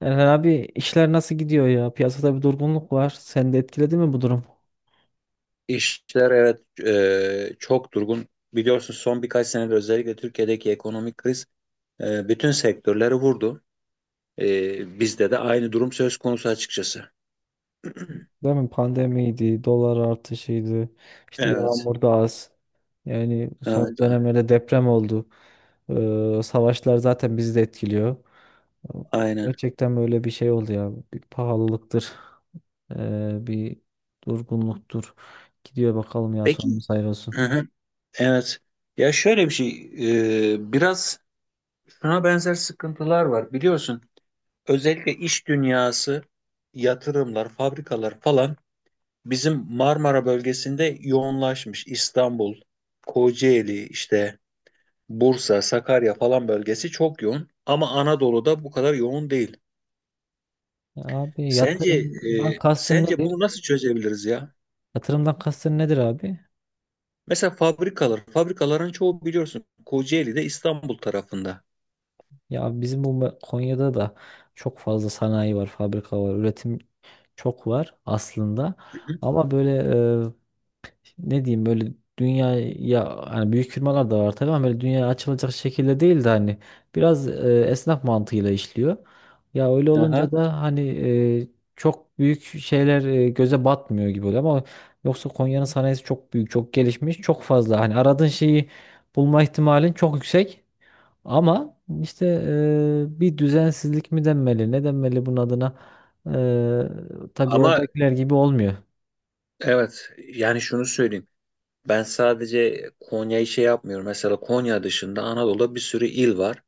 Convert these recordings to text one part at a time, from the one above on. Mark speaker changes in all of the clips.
Speaker 1: Erhan abi işler nasıl gidiyor ya? Piyasada bir durgunluk var. Seni de etkiledi mi bu durum?
Speaker 2: İşler, evet, çok durgun. Biliyorsunuz son birkaç senedir özellikle Türkiye'deki ekonomik kriz bütün sektörleri vurdu. Bizde de aynı durum söz konusu açıkçası.
Speaker 1: Değil mi? Pandemiydi, dolar artışıydı, işte
Speaker 2: Evet,
Speaker 1: yağmur da az. Yani son
Speaker 2: evet,
Speaker 1: dönemlerde deprem oldu. Savaşlar zaten bizi de etkiliyor.
Speaker 2: aynen.
Speaker 1: Gerçekten böyle bir şey oldu ya. Bir pahalılıktır, bir durgunluktur. Gidiyor bakalım ya,
Speaker 2: Peki,
Speaker 1: sonumuz hayır olsun.
Speaker 2: hı hı, evet. Ya şöyle bir şey, biraz şuna benzer sıkıntılar var. Biliyorsun, özellikle iş dünyası, yatırımlar, fabrikalar falan bizim Marmara bölgesinde yoğunlaşmış. İstanbul, Kocaeli, işte. Bursa, Sakarya falan bölgesi çok yoğun ama Anadolu'da bu kadar yoğun değil.
Speaker 1: Abi
Speaker 2: Sence
Speaker 1: yatırımdan
Speaker 2: e,
Speaker 1: kastın
Speaker 2: sence
Speaker 1: nedir?
Speaker 2: bunu nasıl çözebiliriz ya?
Speaker 1: Yatırımdan kastın nedir abi?
Speaker 2: Mesela fabrikalar, fabrikaların çoğu biliyorsun Kocaeli'de, İstanbul tarafında.
Speaker 1: Ya bizim Konya'da da çok fazla sanayi var, fabrika var, üretim çok var aslında.
Speaker 2: Hı hı.
Speaker 1: Ama böyle e, ne diyeyim, böyle dünyaya, hani büyük firmalar da var tabii, ama böyle dünyaya açılacak şekilde değil de hani biraz esnaf mantığıyla işliyor. Ya öyle olunca
Speaker 2: Aha.
Speaker 1: da hani e, çok büyük şeyler göze batmıyor gibi oluyor, ama yoksa Konya'nın sanayisi çok büyük, çok gelişmiş, çok fazla hani aradığın şeyi bulma ihtimalin çok yüksek. Ama işte bir düzensizlik mi denmeli, ne denmeli bunun adına? Tabii
Speaker 2: Ama
Speaker 1: oradakiler gibi olmuyor.
Speaker 2: evet, yani şunu söyleyeyim. Ben sadece Konya'yı şey yapmıyorum. Mesela Konya dışında Anadolu'da bir sürü il var.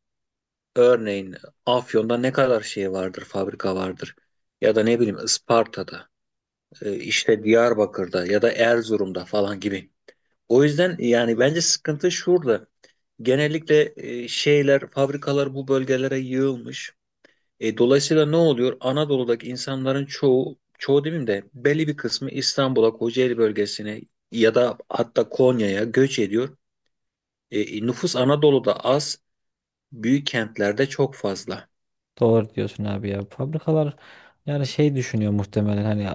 Speaker 2: Örneğin Afyon'da ne kadar şey vardır, fabrika vardır. Ya da ne bileyim Isparta'da, işte Diyarbakır'da ya da Erzurum'da falan gibi. O yüzden yani bence sıkıntı şurada. Genellikle şeyler, fabrikalar bu bölgelere yığılmış. Dolayısıyla ne oluyor? Anadolu'daki insanların çoğu, çoğu demeyeyim de belli bir kısmı İstanbul'a, Kocaeli bölgesine ya da hatta Konya'ya göç ediyor. Nüfus Anadolu'da az, büyük kentlerde çok fazla.
Speaker 1: Doğru diyorsun abi ya. Fabrikalar, yani şey düşünüyor muhtemelen, hani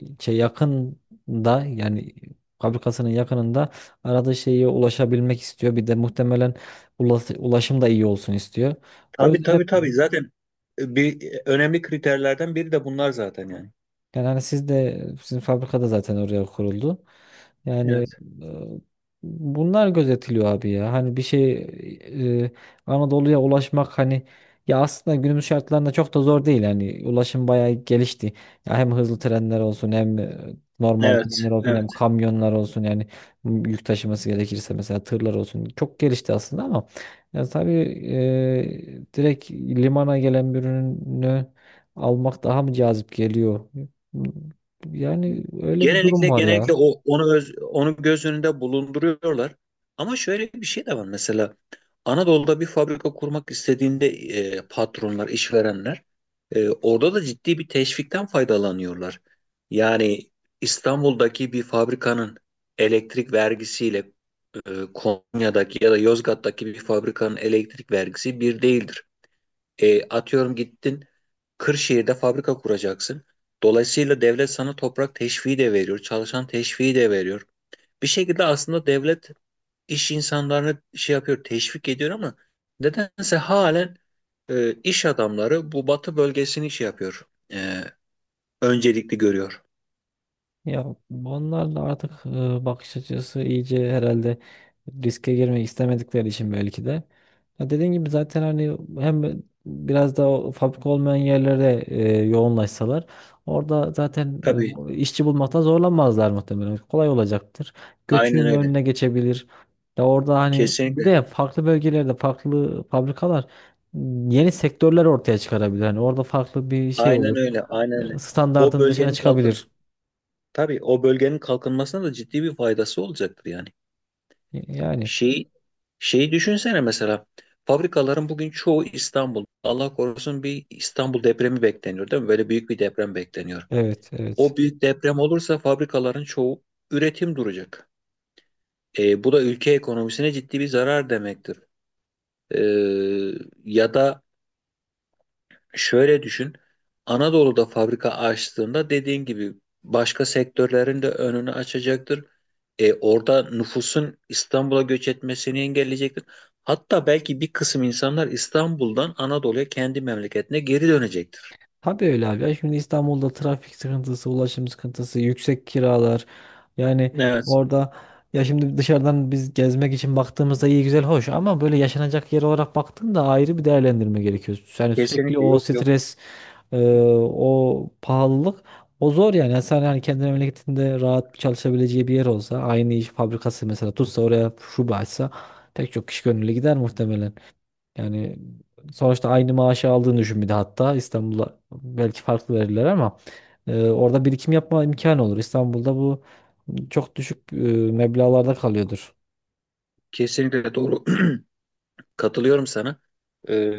Speaker 1: şey yakında, yani fabrikasının yakınında aradığı şeye ulaşabilmek istiyor. Bir de muhtemelen ulaşım da iyi olsun istiyor. O
Speaker 2: Tabii
Speaker 1: yüzden
Speaker 2: tabii tabii, zaten bir önemli kriterlerden biri de bunlar zaten yani.
Speaker 1: yani hani siz de, sizin fabrikada zaten oraya kuruldu. Yani
Speaker 2: Evet.
Speaker 1: e, bunlar gözetiliyor abi ya. Hani bir şey, e, Anadolu'ya ulaşmak, hani ya aslında günümüz şartlarında çok da zor değil. Hani ulaşım bayağı gelişti. Ya hem hızlı trenler olsun, hem normal
Speaker 2: Evet.
Speaker 1: trenler olsun,
Speaker 2: Evet.
Speaker 1: hem kamyonlar olsun, yani yük taşıması gerekirse mesela tırlar olsun. Çok gelişti aslında, ama yani tabii direkt limana gelen bir ürünü almak daha mı cazip geliyor? Yani öyle bir durum
Speaker 2: Genellikle
Speaker 1: var
Speaker 2: genellikle
Speaker 1: ya.
Speaker 2: onu göz önünde bulunduruyorlar. Ama şöyle bir şey de var mesela. Anadolu'da bir fabrika kurmak istediğinde patronlar, işverenler orada da ciddi bir teşvikten faydalanıyorlar. Yani İstanbul'daki bir fabrikanın elektrik vergisiyle Konya'daki ya da Yozgat'taki bir fabrikanın elektrik vergisi bir değildir. Atıyorum, gittin Kırşehir'de fabrika kuracaksın. Dolayısıyla devlet sana toprak teşviği de veriyor, çalışan teşviği de veriyor. Bir şekilde aslında devlet iş insanlarını şey yapıyor, teşvik ediyor ama nedense halen iş adamları bu batı bölgesini şey yapıyor, e, öncelikli görüyor.
Speaker 1: Ya onlarla artık bakış açısı iyice herhalde, riske girmek istemedikleri için belki de. Ya dediğin gibi zaten, hani hem biraz da o fabrika olmayan yerlere yoğunlaşsalar, orada zaten
Speaker 2: Tabii,
Speaker 1: işçi bulmakta zorlanmazlar muhtemelen. Kolay olacaktır.
Speaker 2: aynen
Speaker 1: Göçün
Speaker 2: öyle.
Speaker 1: önüne geçebilir. Ya orada hani bir
Speaker 2: Kesinlikle.
Speaker 1: de farklı bölgelerde farklı fabrikalar, yeni sektörler ortaya çıkarabilir. Hani orada farklı bir şey olur.
Speaker 2: Aynen öyle, aynen öyle.
Speaker 1: Yani
Speaker 2: O
Speaker 1: standartın dışına
Speaker 2: bölgenin kalkın,
Speaker 1: çıkabilir.
Speaker 2: tabii o bölgenin kalkınmasına da ciddi bir faydası olacaktır yani.
Speaker 1: Yani
Speaker 2: Şey, şeyi düşünsene mesela. Fabrikaların bugün çoğu İstanbul. Allah korusun, bir İstanbul depremi bekleniyor, değil mi? Böyle büyük bir deprem bekleniyor.
Speaker 1: evet, evet.
Speaker 2: O büyük deprem olursa fabrikaların çoğu üretim duracak. Bu da ülke ekonomisine ciddi bir zarar demektir. E, ya da Şöyle düşün. Anadolu'da fabrika açtığında, dediğin gibi, başka sektörlerin de önünü açacaktır. Orada nüfusun İstanbul'a göç etmesini engelleyecektir. Hatta belki bir kısım insanlar İstanbul'dan Anadolu'ya, kendi memleketine geri dönecektir.
Speaker 1: Tabii öyle abi. Ya şimdi İstanbul'da trafik sıkıntısı, ulaşım sıkıntısı, yüksek kiralar. Yani
Speaker 2: Evet,
Speaker 1: orada ya şimdi dışarıdan biz gezmek için baktığımızda iyi, güzel, hoş, ama böyle yaşanacak yer olarak baktığında ayrı bir değerlendirme gerekiyor. Yani sürekli
Speaker 2: kesinlikle,
Speaker 1: o
Speaker 2: yok yok.
Speaker 1: stres, e, o pahalılık, o zor yani. Yani sen hani kendi memleketinde rahat bir çalışabileceği bir yer olsa, aynı iş fabrikası mesela tutsa oraya şube açsa, pek çok kişi gönüllü gider muhtemelen. Yani sonuçta aynı maaşı aldığını düşün, bir de hatta İstanbul'a belki farklı verirler, ama orada birikim yapma imkanı olur. İstanbul'da bu çok düşük meblağlarda kalıyordur.
Speaker 2: Kesinlikle doğru. Katılıyorum sana.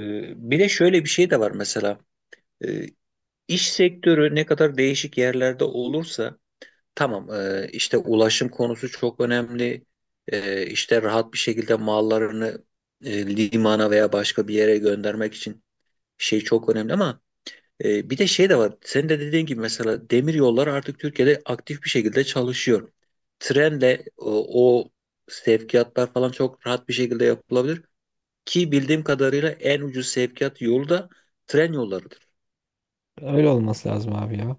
Speaker 2: Bir de şöyle bir şey de var mesela. Ee, iş sektörü ne kadar değişik yerlerde olursa. Tamam, işte ulaşım konusu çok önemli. İşte rahat bir şekilde mallarını limana veya başka bir yere göndermek için şey çok önemli ama bir de şey de var. Senin de dediğin gibi, mesela demir yolları artık Türkiye'de aktif bir şekilde çalışıyor. Trenle o sevkiyatlar falan çok rahat bir şekilde yapılabilir ki bildiğim kadarıyla en ucuz sevkiyat yolu da tren yollarıdır.
Speaker 1: Öyle olması lazım abi ya.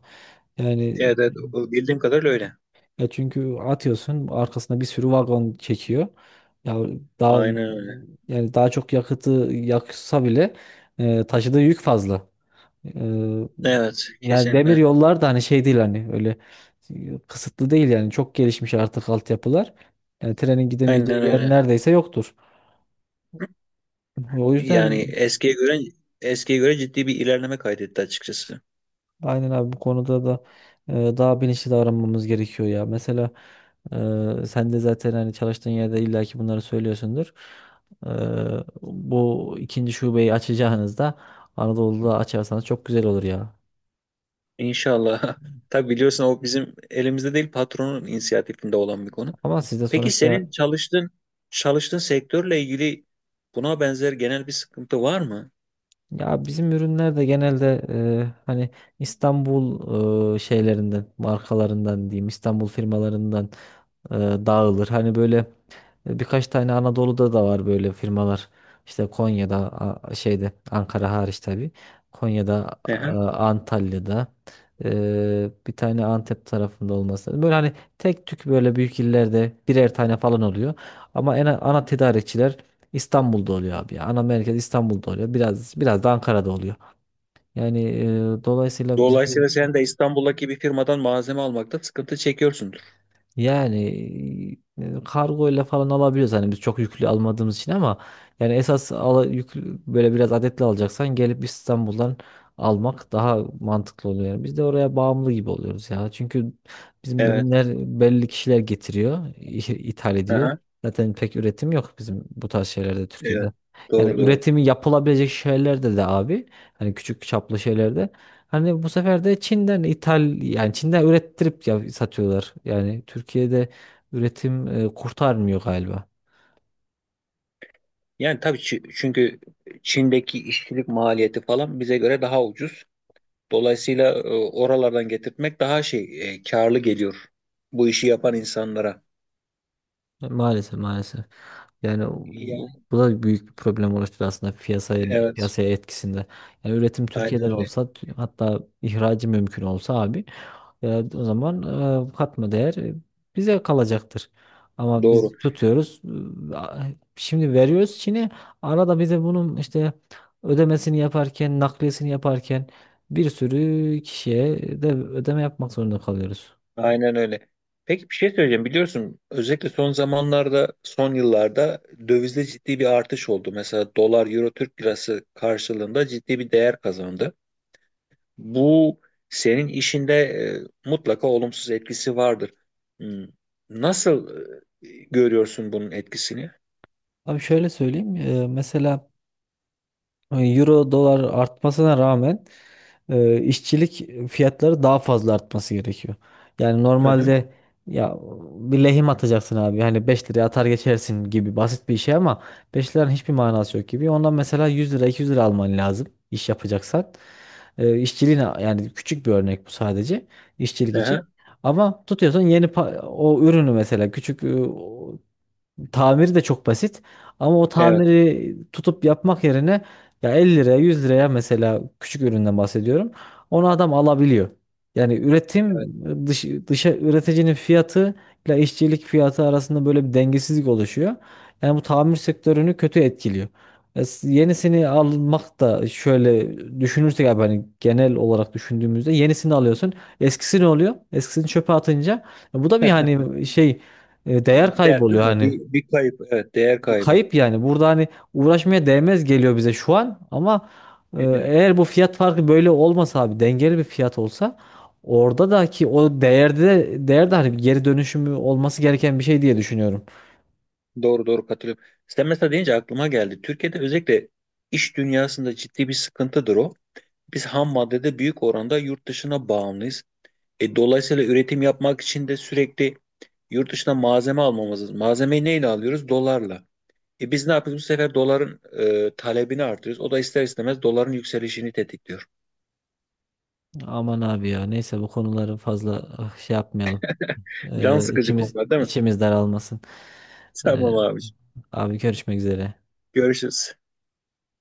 Speaker 1: Yani
Speaker 2: Evet, evet, o bildiğim kadarıyla öyle.
Speaker 1: ya çünkü atıyorsun arkasına bir sürü vagon çekiyor. Ya daha,
Speaker 2: Aynen öyle.
Speaker 1: yani daha çok yakıtı yaksa bile taşıdığı yük fazla. Eee,
Speaker 2: Evet,
Speaker 1: Yani demir
Speaker 2: kesinlikle.
Speaker 1: yollar da hani şey değil, hani öyle kısıtlı değil, yani çok gelişmiş artık altyapılar. Yani trenin
Speaker 2: Aynen
Speaker 1: gidemeyeceği yer
Speaker 2: öyle.
Speaker 1: neredeyse yoktur. O
Speaker 2: Yani
Speaker 1: yüzden
Speaker 2: eskiye göre ciddi bir ilerleme kaydetti açıkçası.
Speaker 1: aynen abi, bu konuda da daha bilinçli davranmamız gerekiyor ya. Mesela sen de zaten hani çalıştığın yerde illaki bunları söylüyorsundur. Eee, Bu ikinci şubeyi açacağınızda Anadolu'da açarsanız çok güzel olur ya.
Speaker 2: İnşallah. Tabii biliyorsun, o bizim elimizde değil, patronun inisiyatifinde olan bir konu.
Speaker 1: Ama siz de
Speaker 2: Peki,
Speaker 1: sonuçta
Speaker 2: senin çalıştığın sektörle ilgili buna benzer genel bir sıkıntı var mı?
Speaker 1: ya bizim ürünler de genelde hani İstanbul şeylerinden, markalarından diyeyim, İstanbul firmalarından e, dağılır. Hani böyle birkaç tane Anadolu'da da var böyle firmalar. İşte Konya'da, şeyde, Ankara hariç tabii. Konya'da,
Speaker 2: Hı hı.
Speaker 1: Antalya'da, bir tane Antep tarafında olması lazım. Böyle hani tek tük böyle büyük illerde birer tane falan oluyor. Ama en ana tedarikçiler İstanbul'da oluyor abi ya. Ana merkez İstanbul'da oluyor. Biraz, biraz da Ankara'da oluyor. Yani dolayısıyla bizde,
Speaker 2: Dolayısıyla sen de İstanbul'daki bir firmadan malzeme almakta sıkıntı çekiyorsundur.
Speaker 1: yani kargoyla falan alabiliyoruz hani biz çok yüklü almadığımız için, ama yani yüklü, böyle biraz adetli alacaksan gelip İstanbul'dan almak daha mantıklı oluyor. Yani biz de oraya bağımlı gibi oluyoruz ya. Çünkü bizim
Speaker 2: Evet.
Speaker 1: ürünler belli kişiler getiriyor, ithal
Speaker 2: Hı
Speaker 1: ediyor.
Speaker 2: hı.
Speaker 1: Zaten pek üretim yok bizim bu tarz şeylerde
Speaker 2: Evet.
Speaker 1: Türkiye'de. Yani
Speaker 2: Doğru doğru.
Speaker 1: üretimi yapılabilecek şeylerde de abi, hani küçük çaplı şeylerde, hani bu sefer de Çin'den ithal, yani Çin'den ürettirip ya satıyorlar. Yani Türkiye'de üretim kurtarmıyor galiba.
Speaker 2: Yani tabii çünkü Çin'deki işçilik maliyeti falan bize göre daha ucuz. Dolayısıyla oralardan getirtmek daha şey, karlı geliyor bu işi yapan insanlara.
Speaker 1: Maalesef, maalesef. Yani
Speaker 2: Yani
Speaker 1: bu da büyük bir problem oluşturur aslında
Speaker 2: evet,
Speaker 1: piyasaya etkisinde. Yani üretim
Speaker 2: aynen
Speaker 1: Türkiye'den
Speaker 2: öyle.
Speaker 1: olsa hatta ihracı mümkün olsa abi, e, o zaman katma değer bize kalacaktır. Ama biz
Speaker 2: Doğru.
Speaker 1: tutuyoruz, e, a- şimdi veriyoruz Çin'e, arada bize bunun işte ödemesini yaparken, nakliyesini yaparken bir sürü kişiye de ödeme yapmak zorunda kalıyoruz.
Speaker 2: Aynen öyle. Peki, bir şey söyleyeceğim. Biliyorsun, özellikle son zamanlarda, son yıllarda dövizde ciddi bir artış oldu. Mesela dolar, euro, Türk lirası karşılığında ciddi bir değer kazandı. Bu senin işinde mutlaka olumsuz etkisi vardır. Hmm. Nasıl görüyorsun bunun etkisini?
Speaker 1: Abi şöyle söyleyeyim. Mesela Euro dolar artmasına rağmen işçilik fiyatları daha fazla artması gerekiyor. Yani
Speaker 2: Hı hı,
Speaker 1: normalde ya bir lehim atacaksın abi. Hani 5 liraya atar geçersin gibi basit bir şey, ama 5 liranın hiçbir manası yok gibi. Ondan mesela 100 lira 200 lira alman lazım iş yapacaksan. İşçiliğine yani küçük bir örnek bu sadece işçilik
Speaker 2: hı
Speaker 1: için.
Speaker 2: hı.
Speaker 1: Ama tutuyorsun yeni o ürünü mesela küçük tamiri de çok basit. Ama o
Speaker 2: Evet,
Speaker 1: tamiri tutup yapmak yerine ya 50 liraya, 100 liraya, mesela küçük üründen bahsediyorum. Onu adam alabiliyor. Yani üretim
Speaker 2: evet.
Speaker 1: dışa üreticinin fiyatı ile işçilik fiyatı arasında böyle bir dengesizlik oluşuyor. Yani bu tamir sektörünü kötü etkiliyor. Yenisini almak da, şöyle düşünürsek abi, hani genel olarak düşündüğümüzde yenisini alıyorsun. Eskisi ne oluyor? Eskisini çöpe atınca bu da bir hani şey, değer kaybı
Speaker 2: Gider,
Speaker 1: oluyor
Speaker 2: değil mi?
Speaker 1: hani.
Speaker 2: Bir kayıp. Evet, değer kaybı.
Speaker 1: Kayıp yani. Burada hani uğraşmaya değmez geliyor bize şu an, ama
Speaker 2: Evet,
Speaker 1: eğer bu fiyat farkı böyle olmasa abi, dengeli bir fiyat olsa, orada da ki o değerde, de değerde hani bir geri dönüşümü olması gereken bir şey diye düşünüyorum.
Speaker 2: doğru doğru katılıyorum. Sen mesela deyince aklıma geldi. Türkiye'de özellikle iş dünyasında ciddi bir sıkıntıdır o. Biz ham maddede büyük oranda yurt dışına bağımlıyız. Dolayısıyla üretim yapmak için de sürekli yurt dışına malzeme almamız lazım. Malzemeyi neyle alıyoruz? Dolarla. Biz ne yapıyoruz? Bu sefer doların talebini artırıyoruz. O da ister istemez doların yükselişini tetikliyor.
Speaker 1: Aman abi ya, neyse, bu konuları fazla şey yapmayalım.
Speaker 2: Can sıkıcı
Speaker 1: İçimiz
Speaker 2: konular, değil mi?
Speaker 1: içimiz daralmasın. E,
Speaker 2: Tamam abi.
Speaker 1: Abi görüşmek üzere.
Speaker 2: Görüşürüz.